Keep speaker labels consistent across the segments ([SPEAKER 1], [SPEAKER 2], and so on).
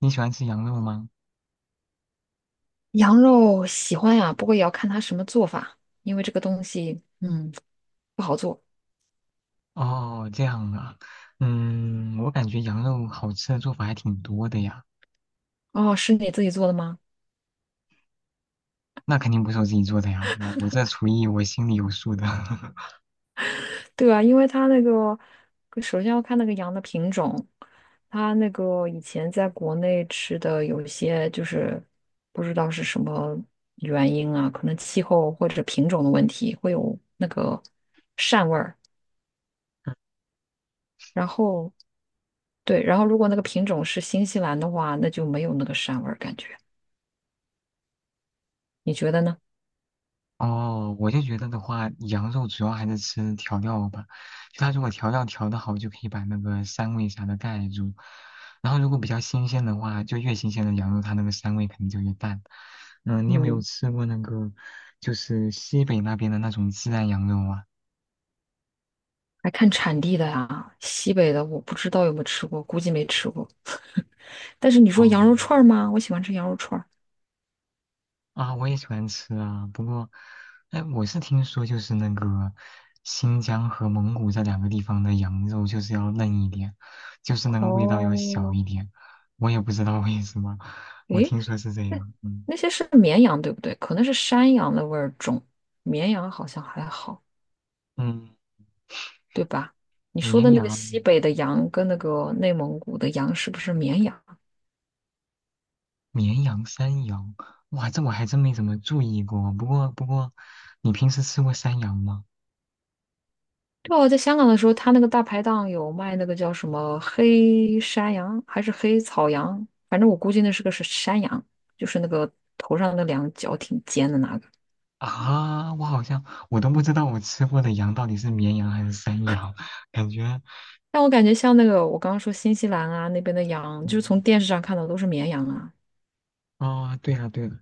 [SPEAKER 1] 你喜欢吃羊肉吗？
[SPEAKER 2] 羊肉喜欢呀，不过也要看它什么做法，因为这个东西，不好做。
[SPEAKER 1] 哦，这样啊。我感觉羊肉好吃的做法还挺多的呀。
[SPEAKER 2] 哦，是你自己做的吗？
[SPEAKER 1] 那肯定不是我自己做的呀，我这厨艺我心里有数的。
[SPEAKER 2] 对啊，因为它那个，首先要看那个羊的品种，它那个以前在国内吃的有些就是不知道是什么原因啊，可能气候或者品种的问题会有那个膻味儿。然后对，然后如果那个品种是新西兰的话，那就没有那个膻味儿感觉。你觉得呢？
[SPEAKER 1] 哦，我就觉得的话，羊肉主要还是吃调料吧，就它如果调料调的好，就可以把那个膻味啥的盖住。然后如果比较新鲜的话，就越新鲜的羊肉，它那个膻味肯定就越淡。嗯，你有没有
[SPEAKER 2] 嗯。
[SPEAKER 1] 吃过那个，就是西北那边的那种孜然羊肉啊？
[SPEAKER 2] 还看产地的呀，西北的我不知道有没有吃过，估计没吃过。但是你说
[SPEAKER 1] 哦。
[SPEAKER 2] 羊肉串儿吗？我喜欢吃羊肉串儿。
[SPEAKER 1] 啊，我也喜欢吃啊，不过，哎，我是听说就是那个新疆和蒙古这两个地方的羊肉就是要嫩一点，就是那个味道要小
[SPEAKER 2] 哦，
[SPEAKER 1] 一点，我也不知道为什么，我
[SPEAKER 2] 诶，
[SPEAKER 1] 听说是这
[SPEAKER 2] 那
[SPEAKER 1] 样。嗯
[SPEAKER 2] 那些是绵羊对不对？可能是山羊的味儿重，绵羊好像还好，
[SPEAKER 1] 嗯，
[SPEAKER 2] 对吧？你说的
[SPEAKER 1] 绵
[SPEAKER 2] 那个
[SPEAKER 1] 羊、
[SPEAKER 2] 西北的羊跟那个内蒙古的羊是不是绵羊？
[SPEAKER 1] 绵羊、山羊，哇，这我还真没怎么注意过，不过，你平时吃过山羊吗？
[SPEAKER 2] 对，我在香港的时候，他那个大排档有卖那个叫什么黑山羊还是黑草羊，反正我估计那是个是山羊，就是那个头上那两角挺尖的那个。
[SPEAKER 1] 啊，我好像我都不知道我吃过的羊到底是绵羊还是山羊，感觉。
[SPEAKER 2] 但我感觉像那个我刚刚说新西兰啊那边的羊，就是从
[SPEAKER 1] 嗯，
[SPEAKER 2] 电视上看到都是绵羊啊，
[SPEAKER 1] 哦，对了对了。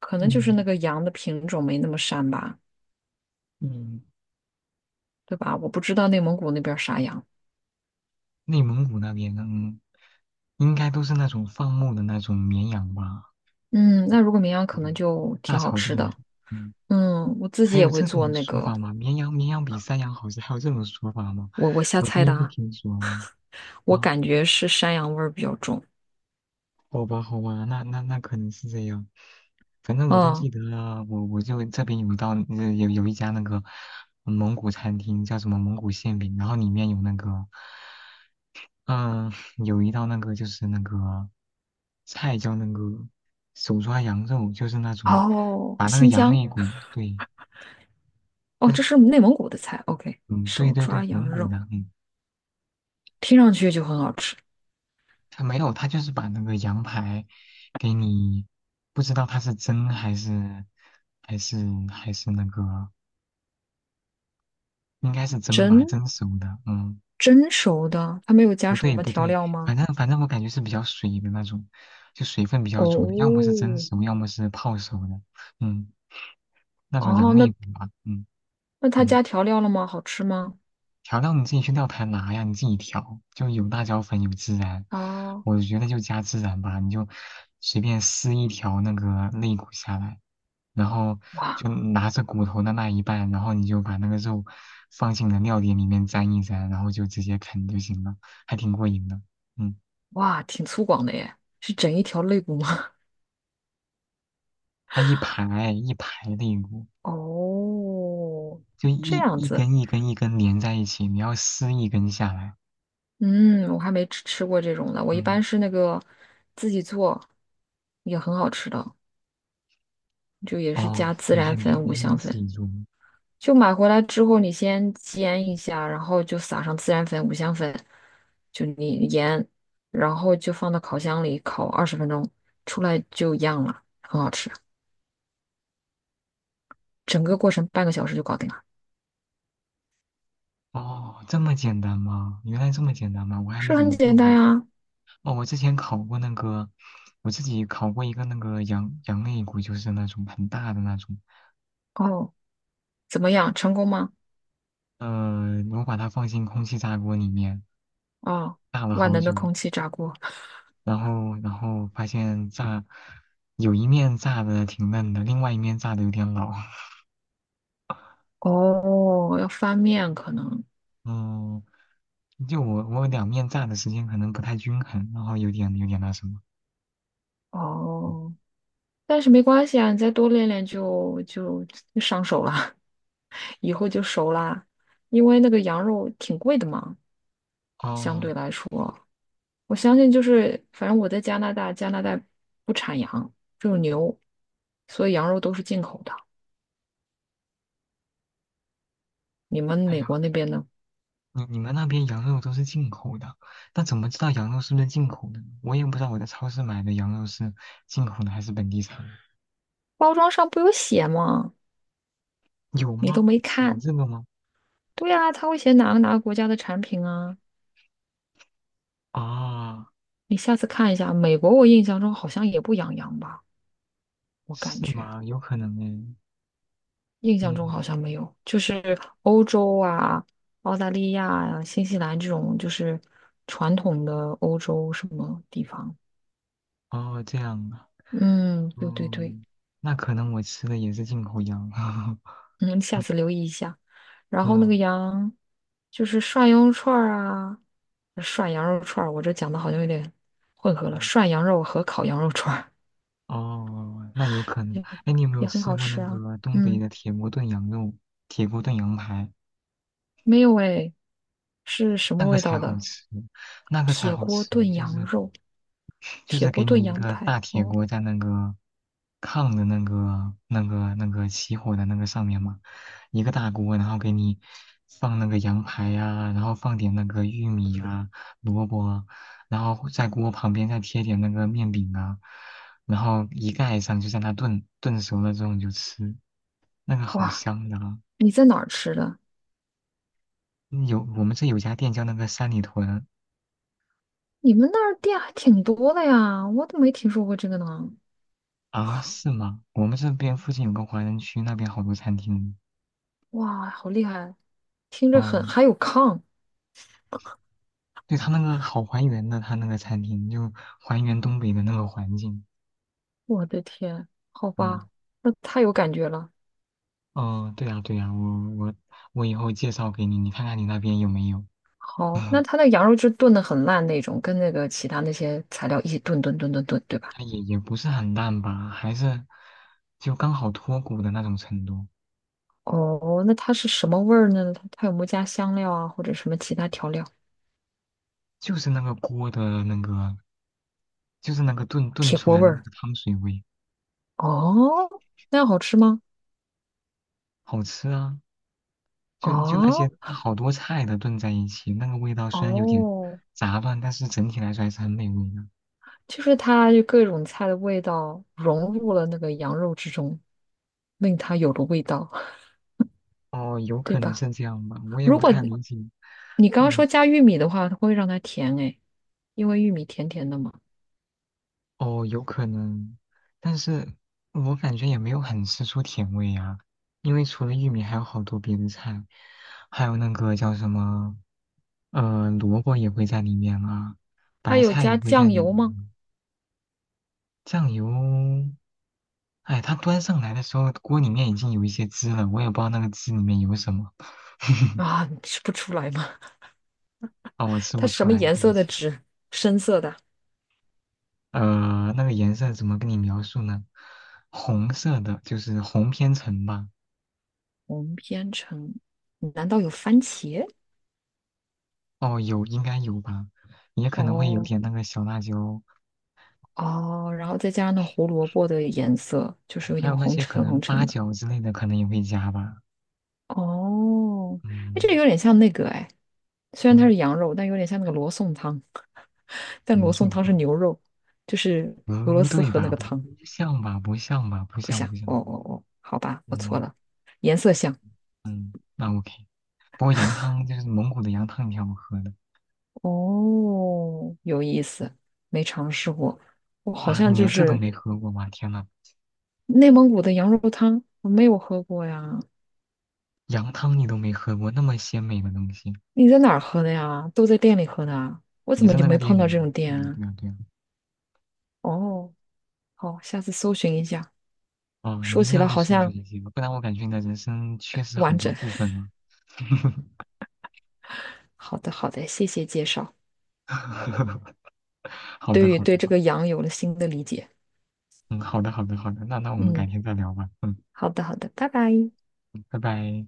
[SPEAKER 2] 可能就是那
[SPEAKER 1] 嗯
[SPEAKER 2] 个羊的品种没那么膻吧，
[SPEAKER 1] 嗯，
[SPEAKER 2] 对吧？我不知道内蒙古那边儿啥羊。
[SPEAKER 1] 内蒙古那边，嗯，应该都是那种放牧的那种绵羊吧。
[SPEAKER 2] 嗯，那如果绵羊可能
[SPEAKER 1] 嗯，
[SPEAKER 2] 就
[SPEAKER 1] 大
[SPEAKER 2] 挺好
[SPEAKER 1] 草
[SPEAKER 2] 吃
[SPEAKER 1] 地嘛。
[SPEAKER 2] 的。
[SPEAKER 1] 嗯，
[SPEAKER 2] 嗯，我自己
[SPEAKER 1] 还
[SPEAKER 2] 也
[SPEAKER 1] 有
[SPEAKER 2] 会
[SPEAKER 1] 这
[SPEAKER 2] 做
[SPEAKER 1] 种
[SPEAKER 2] 那
[SPEAKER 1] 说
[SPEAKER 2] 个，
[SPEAKER 1] 法吗？绵羊比山羊好吃，还有这种说法吗？
[SPEAKER 2] 我瞎
[SPEAKER 1] 我第
[SPEAKER 2] 猜
[SPEAKER 1] 一
[SPEAKER 2] 的
[SPEAKER 1] 次
[SPEAKER 2] 啊，
[SPEAKER 1] 听说
[SPEAKER 2] 我
[SPEAKER 1] 啊，
[SPEAKER 2] 感觉是山羊味儿比较重。
[SPEAKER 1] 好吧好吧，那可能是这样。反正我就
[SPEAKER 2] 嗯，
[SPEAKER 1] 记得啊，我就这边有一道有一家那个蒙古餐厅叫什么蒙古馅饼，然后里面有那个。嗯，有一道那个就是那个菜叫那个手抓羊肉，就是那种
[SPEAKER 2] 哦，
[SPEAKER 1] 把那个
[SPEAKER 2] 新
[SPEAKER 1] 羊
[SPEAKER 2] 疆，
[SPEAKER 1] 肋骨，对，不
[SPEAKER 2] 哦，
[SPEAKER 1] 是。
[SPEAKER 2] 这是内蒙古的菜。OK,
[SPEAKER 1] 嗯，对
[SPEAKER 2] 手
[SPEAKER 1] 对对，
[SPEAKER 2] 抓羊
[SPEAKER 1] 蒙古
[SPEAKER 2] 肉，
[SPEAKER 1] 的。嗯，
[SPEAKER 2] 听上去就很好吃。
[SPEAKER 1] 他没有，他就是把那个羊排给你，不知道它是蒸还是还是还是那个，应该是蒸吧，蒸熟的。嗯，
[SPEAKER 2] 蒸熟的，它没有加
[SPEAKER 1] 不
[SPEAKER 2] 什
[SPEAKER 1] 对
[SPEAKER 2] 么
[SPEAKER 1] 不
[SPEAKER 2] 调
[SPEAKER 1] 对，
[SPEAKER 2] 料吗？
[SPEAKER 1] 反正我感觉是比较水的那种，就水分比较足的，要么是
[SPEAKER 2] 哦，
[SPEAKER 1] 蒸熟，要么是泡熟的。嗯，那种
[SPEAKER 2] 哦，
[SPEAKER 1] 羊
[SPEAKER 2] 那
[SPEAKER 1] 肋骨吧。嗯。
[SPEAKER 2] 那它
[SPEAKER 1] 嗯，
[SPEAKER 2] 加调料了吗？好吃吗？
[SPEAKER 1] 调料你自己去料台拿呀，你自己调，就有辣椒粉，有孜然。
[SPEAKER 2] 啊，
[SPEAKER 1] 我觉得就加孜然吧，你就随便撕一条那个肋骨下来，然后
[SPEAKER 2] 哇
[SPEAKER 1] 就拿着骨头的那一半，然后你就把那个肉放进你的料碟里面沾一沾，然后就直接啃就行了，还挺过瘾的。嗯，
[SPEAKER 2] 哇，挺粗犷的耶，是整一条肋骨吗？
[SPEAKER 1] 它一排一排肋骨，
[SPEAKER 2] 哦，
[SPEAKER 1] 就
[SPEAKER 2] 这
[SPEAKER 1] 一
[SPEAKER 2] 样
[SPEAKER 1] 一
[SPEAKER 2] 子，
[SPEAKER 1] 根一根连在一起，你要撕一根下来。
[SPEAKER 2] 嗯，我还没吃过这种的，我一般
[SPEAKER 1] 嗯，
[SPEAKER 2] 是那个自己做，也很好吃的，就也是
[SPEAKER 1] 哦，
[SPEAKER 2] 加孜然粉、五
[SPEAKER 1] 你还能
[SPEAKER 2] 香
[SPEAKER 1] 自
[SPEAKER 2] 粉。
[SPEAKER 1] 己做吗？
[SPEAKER 2] 就买回来之后，你先煎一下，然后就撒上孜然粉、五香粉，就你盐，然后就放到烤箱里烤20分钟，出来就一样了，很好吃。整个过程半个小时就搞定了，
[SPEAKER 1] 哦，这么简单吗？原来这么简单吗？我还没
[SPEAKER 2] 是
[SPEAKER 1] 怎
[SPEAKER 2] 很
[SPEAKER 1] 么做
[SPEAKER 2] 简单
[SPEAKER 1] 过。
[SPEAKER 2] 呀。
[SPEAKER 1] 哦，我之前烤过那个，我自己烤过一个那个羊肋骨，就是那种很大的那种。
[SPEAKER 2] 哦，怎么样，成功吗？
[SPEAKER 1] 我把它放进空气炸锅里面
[SPEAKER 2] 哦，
[SPEAKER 1] 炸了
[SPEAKER 2] 万
[SPEAKER 1] 好
[SPEAKER 2] 能的
[SPEAKER 1] 久，
[SPEAKER 2] 空气炸锅。
[SPEAKER 1] 然后发现炸有一面炸的挺嫩的，另外一面炸的有点老。
[SPEAKER 2] 哦，要翻面可能。
[SPEAKER 1] 嗯，就我两面炸的时间可能不太均衡，然后有点那什么。
[SPEAKER 2] 哦，但是没关系啊，你再多练练就上手了，以后就熟啦。因为那个羊肉挺贵的嘛。相
[SPEAKER 1] 哦。
[SPEAKER 2] 对来说，我相信就是，反正我在加拿大，加拿大不产羊，只有牛，所以羊肉都是进口的。你们
[SPEAKER 1] 哎
[SPEAKER 2] 美
[SPEAKER 1] 呀。
[SPEAKER 2] 国那边呢？
[SPEAKER 1] 你你们那边羊肉都是进口的，那怎么知道羊肉是不是进口的呢？我也不知道我在超市买的羊肉是进口的还是本地产的，
[SPEAKER 2] 包装上不有写吗？
[SPEAKER 1] 有
[SPEAKER 2] 你都
[SPEAKER 1] 吗？会
[SPEAKER 2] 没
[SPEAKER 1] 写
[SPEAKER 2] 看。
[SPEAKER 1] 这个吗？
[SPEAKER 2] 对啊，他会写哪个哪个国家的产品啊？
[SPEAKER 1] 啊，
[SPEAKER 2] 你下次看一下，美国我印象中好像也不养羊吧，我感
[SPEAKER 1] 是
[SPEAKER 2] 觉
[SPEAKER 1] 吗？有可能诶。
[SPEAKER 2] 印象中好
[SPEAKER 1] 嗯，
[SPEAKER 2] 像没有，就是欧洲啊、澳大利亚啊、新西兰这种就是传统的欧洲什么地方。
[SPEAKER 1] 哦，这样啊。
[SPEAKER 2] 嗯，对对对。
[SPEAKER 1] 嗯，那可能我吃的也是进口羊。
[SPEAKER 2] 嗯，下次留意一下。然后那
[SPEAKER 1] 哦，
[SPEAKER 2] 个羊，就是涮羊肉串儿啊，涮羊肉串儿，我这讲的好像有点混合了，
[SPEAKER 1] 嗯
[SPEAKER 2] 涮羊肉和烤羊肉串儿
[SPEAKER 1] 哦，那有可能。哎，你有没 有
[SPEAKER 2] 也很
[SPEAKER 1] 吃
[SPEAKER 2] 好
[SPEAKER 1] 过那
[SPEAKER 2] 吃啊。
[SPEAKER 1] 个东北
[SPEAKER 2] 嗯，
[SPEAKER 1] 的铁锅炖羊肉、铁锅炖羊排？
[SPEAKER 2] 没有诶，是什
[SPEAKER 1] 那
[SPEAKER 2] 么
[SPEAKER 1] 个
[SPEAKER 2] 味
[SPEAKER 1] 才
[SPEAKER 2] 道
[SPEAKER 1] 好
[SPEAKER 2] 的？
[SPEAKER 1] 吃，那个才
[SPEAKER 2] 铁
[SPEAKER 1] 好
[SPEAKER 2] 锅
[SPEAKER 1] 吃，
[SPEAKER 2] 炖
[SPEAKER 1] 就
[SPEAKER 2] 羊
[SPEAKER 1] 是。
[SPEAKER 2] 肉，
[SPEAKER 1] 就
[SPEAKER 2] 铁
[SPEAKER 1] 是给
[SPEAKER 2] 锅炖
[SPEAKER 1] 你一
[SPEAKER 2] 羊
[SPEAKER 1] 个
[SPEAKER 2] 排。
[SPEAKER 1] 大铁
[SPEAKER 2] 哦，
[SPEAKER 1] 锅在那个炕的那个那个起火的那个上面嘛，一个大锅，然后给你放那个羊排呀、然后放点那个玉米啊、萝卜啊，然后在锅旁边再贴点那个面饼啊，然后一盖上就在那炖，炖熟了之后你就吃，那个好
[SPEAKER 2] 哇，
[SPEAKER 1] 香的啊！
[SPEAKER 2] 你在哪儿吃的？
[SPEAKER 1] 嗯有我们这有家店叫那个三里屯。
[SPEAKER 2] 你们那儿店还挺多的呀，我怎么没听说过这个呢。
[SPEAKER 1] 啊，是吗？我们这边附近有个华人区，那边好多餐厅。
[SPEAKER 2] 哇，好厉害！听着
[SPEAKER 1] 哦，
[SPEAKER 2] 很，还有炕。
[SPEAKER 1] 对，它那个好还原的，它那个餐厅就还原东北的那个环境。
[SPEAKER 2] 我的天，好
[SPEAKER 1] 嗯，
[SPEAKER 2] 吧，那太有感觉了。
[SPEAKER 1] 哦，对呀，对呀，我我以后介绍给你，你看看你那边有没有？
[SPEAKER 2] 好，那它那羊肉就炖的很烂那种，跟那个其他那些材料一起炖，对吧？
[SPEAKER 1] 它也也不是很烂吧，还是就刚好脱骨的那种程度，
[SPEAKER 2] 哦，那它是什么味儿呢？它有没有加香料啊，或者什么其他调料？
[SPEAKER 1] 就是那个锅的那个，就是那个炖
[SPEAKER 2] 铁
[SPEAKER 1] 出
[SPEAKER 2] 锅
[SPEAKER 1] 来
[SPEAKER 2] 味
[SPEAKER 1] 的那
[SPEAKER 2] 儿。
[SPEAKER 1] 个汤水味。
[SPEAKER 2] 哦，那样好吃吗？
[SPEAKER 1] 好吃啊！就就那些
[SPEAKER 2] 哦
[SPEAKER 1] 好多菜的炖在一起，那个味道虽然有点
[SPEAKER 2] 哦，
[SPEAKER 1] 杂乱，但是整体来说还是很美味的。
[SPEAKER 2] 就是它就各种菜的味道融入了那个羊肉之中，令它有了味道，
[SPEAKER 1] 哦，有
[SPEAKER 2] 对
[SPEAKER 1] 可能
[SPEAKER 2] 吧？
[SPEAKER 1] 是这样吧，我也
[SPEAKER 2] 如
[SPEAKER 1] 不
[SPEAKER 2] 果
[SPEAKER 1] 太理解。
[SPEAKER 2] 你刚刚
[SPEAKER 1] 嗯，
[SPEAKER 2] 说加玉米的话，它会让它甜诶。因为玉米甜甜的嘛。
[SPEAKER 1] 哦，有可能，但是我感觉也没有很吃出甜味啊，因为除了玉米，还有好多别的菜，还有那个叫什么，萝卜也会在里面啊，
[SPEAKER 2] 它
[SPEAKER 1] 白
[SPEAKER 2] 有
[SPEAKER 1] 菜
[SPEAKER 2] 加
[SPEAKER 1] 也会在
[SPEAKER 2] 酱
[SPEAKER 1] 里
[SPEAKER 2] 油
[SPEAKER 1] 面
[SPEAKER 2] 吗？
[SPEAKER 1] 啊。酱油，哎，它端上来的时候，锅里面已经有一些汁了，我也不知道那个汁里面有什么。
[SPEAKER 2] 啊，你吃不出来吗？
[SPEAKER 1] 哦，我 吃
[SPEAKER 2] 它
[SPEAKER 1] 不
[SPEAKER 2] 什
[SPEAKER 1] 出
[SPEAKER 2] 么
[SPEAKER 1] 来，
[SPEAKER 2] 颜
[SPEAKER 1] 对不
[SPEAKER 2] 色的
[SPEAKER 1] 起。
[SPEAKER 2] 纸？深色的。
[SPEAKER 1] 那个颜色怎么跟你描述呢？红色的，就是红偏橙吧。
[SPEAKER 2] 红编程，难道有番茄？
[SPEAKER 1] 哦，有，应该有吧，也可能会有
[SPEAKER 2] 哦
[SPEAKER 1] 点那个小辣椒，
[SPEAKER 2] 哦，然后再加上那胡萝卜的颜色，就是有
[SPEAKER 1] 还有
[SPEAKER 2] 点
[SPEAKER 1] 那
[SPEAKER 2] 红
[SPEAKER 1] 些可
[SPEAKER 2] 橙
[SPEAKER 1] 能
[SPEAKER 2] 红
[SPEAKER 1] 八
[SPEAKER 2] 橙的。
[SPEAKER 1] 角之类的，可能也会加吧。
[SPEAKER 2] 哦，哎，这个
[SPEAKER 1] 嗯
[SPEAKER 2] 有点像那个哎，虽然它
[SPEAKER 1] 嗯，
[SPEAKER 2] 是羊肉，但有点像那个罗宋汤，但
[SPEAKER 1] 罗
[SPEAKER 2] 罗宋
[SPEAKER 1] 宋
[SPEAKER 2] 汤
[SPEAKER 1] 汤，
[SPEAKER 2] 是牛肉，就是俄罗
[SPEAKER 1] 不
[SPEAKER 2] 斯
[SPEAKER 1] 对
[SPEAKER 2] 喝那
[SPEAKER 1] 吧？
[SPEAKER 2] 个
[SPEAKER 1] 不
[SPEAKER 2] 汤
[SPEAKER 1] 像吧？不像吧？不
[SPEAKER 2] 不
[SPEAKER 1] 像
[SPEAKER 2] 像。
[SPEAKER 1] 不
[SPEAKER 2] 哦
[SPEAKER 1] 像。
[SPEAKER 2] 哦哦，好吧，我错
[SPEAKER 1] 嗯
[SPEAKER 2] 了，颜色像。
[SPEAKER 1] 嗯，那 OK。不过羊汤就是蒙古的羊汤，挺好喝的。
[SPEAKER 2] 哦，有意思，没尝试过。我好
[SPEAKER 1] 啊！
[SPEAKER 2] 像
[SPEAKER 1] 你
[SPEAKER 2] 就
[SPEAKER 1] 连这都
[SPEAKER 2] 是
[SPEAKER 1] 没喝过吗？天呐，
[SPEAKER 2] 内蒙古的羊肉汤，我没有喝过呀。
[SPEAKER 1] 羊汤你都没喝过，那么鲜美的东西，
[SPEAKER 2] 你在哪儿喝的呀？都在店里喝的啊？我怎
[SPEAKER 1] 也
[SPEAKER 2] 么
[SPEAKER 1] 是
[SPEAKER 2] 就
[SPEAKER 1] 那
[SPEAKER 2] 没
[SPEAKER 1] 个店
[SPEAKER 2] 碰到
[SPEAKER 1] 里
[SPEAKER 2] 这
[SPEAKER 1] 呀、
[SPEAKER 2] 种
[SPEAKER 1] 对
[SPEAKER 2] 店
[SPEAKER 1] 呀、
[SPEAKER 2] 啊？
[SPEAKER 1] 对呀、对呀。
[SPEAKER 2] 哦，好，下次搜寻一下。
[SPEAKER 1] 哦，你
[SPEAKER 2] 说
[SPEAKER 1] 一定
[SPEAKER 2] 起
[SPEAKER 1] 要
[SPEAKER 2] 来
[SPEAKER 1] 去
[SPEAKER 2] 好
[SPEAKER 1] 搜
[SPEAKER 2] 像
[SPEAKER 1] 寻一下，不然我感觉你的人生缺失
[SPEAKER 2] 不
[SPEAKER 1] 好
[SPEAKER 2] 完
[SPEAKER 1] 多
[SPEAKER 2] 整。
[SPEAKER 1] 部分 啊。
[SPEAKER 2] 好的，好的，谢谢介绍，
[SPEAKER 1] 好的，
[SPEAKER 2] 对于
[SPEAKER 1] 好
[SPEAKER 2] 对这
[SPEAKER 1] 的。
[SPEAKER 2] 个羊有了新的理解。
[SPEAKER 1] 嗯，好的，好的，好的，那那我们改
[SPEAKER 2] 嗯，
[SPEAKER 1] 天再聊吧。嗯，
[SPEAKER 2] 好的，好的，拜拜。
[SPEAKER 1] 嗯拜拜。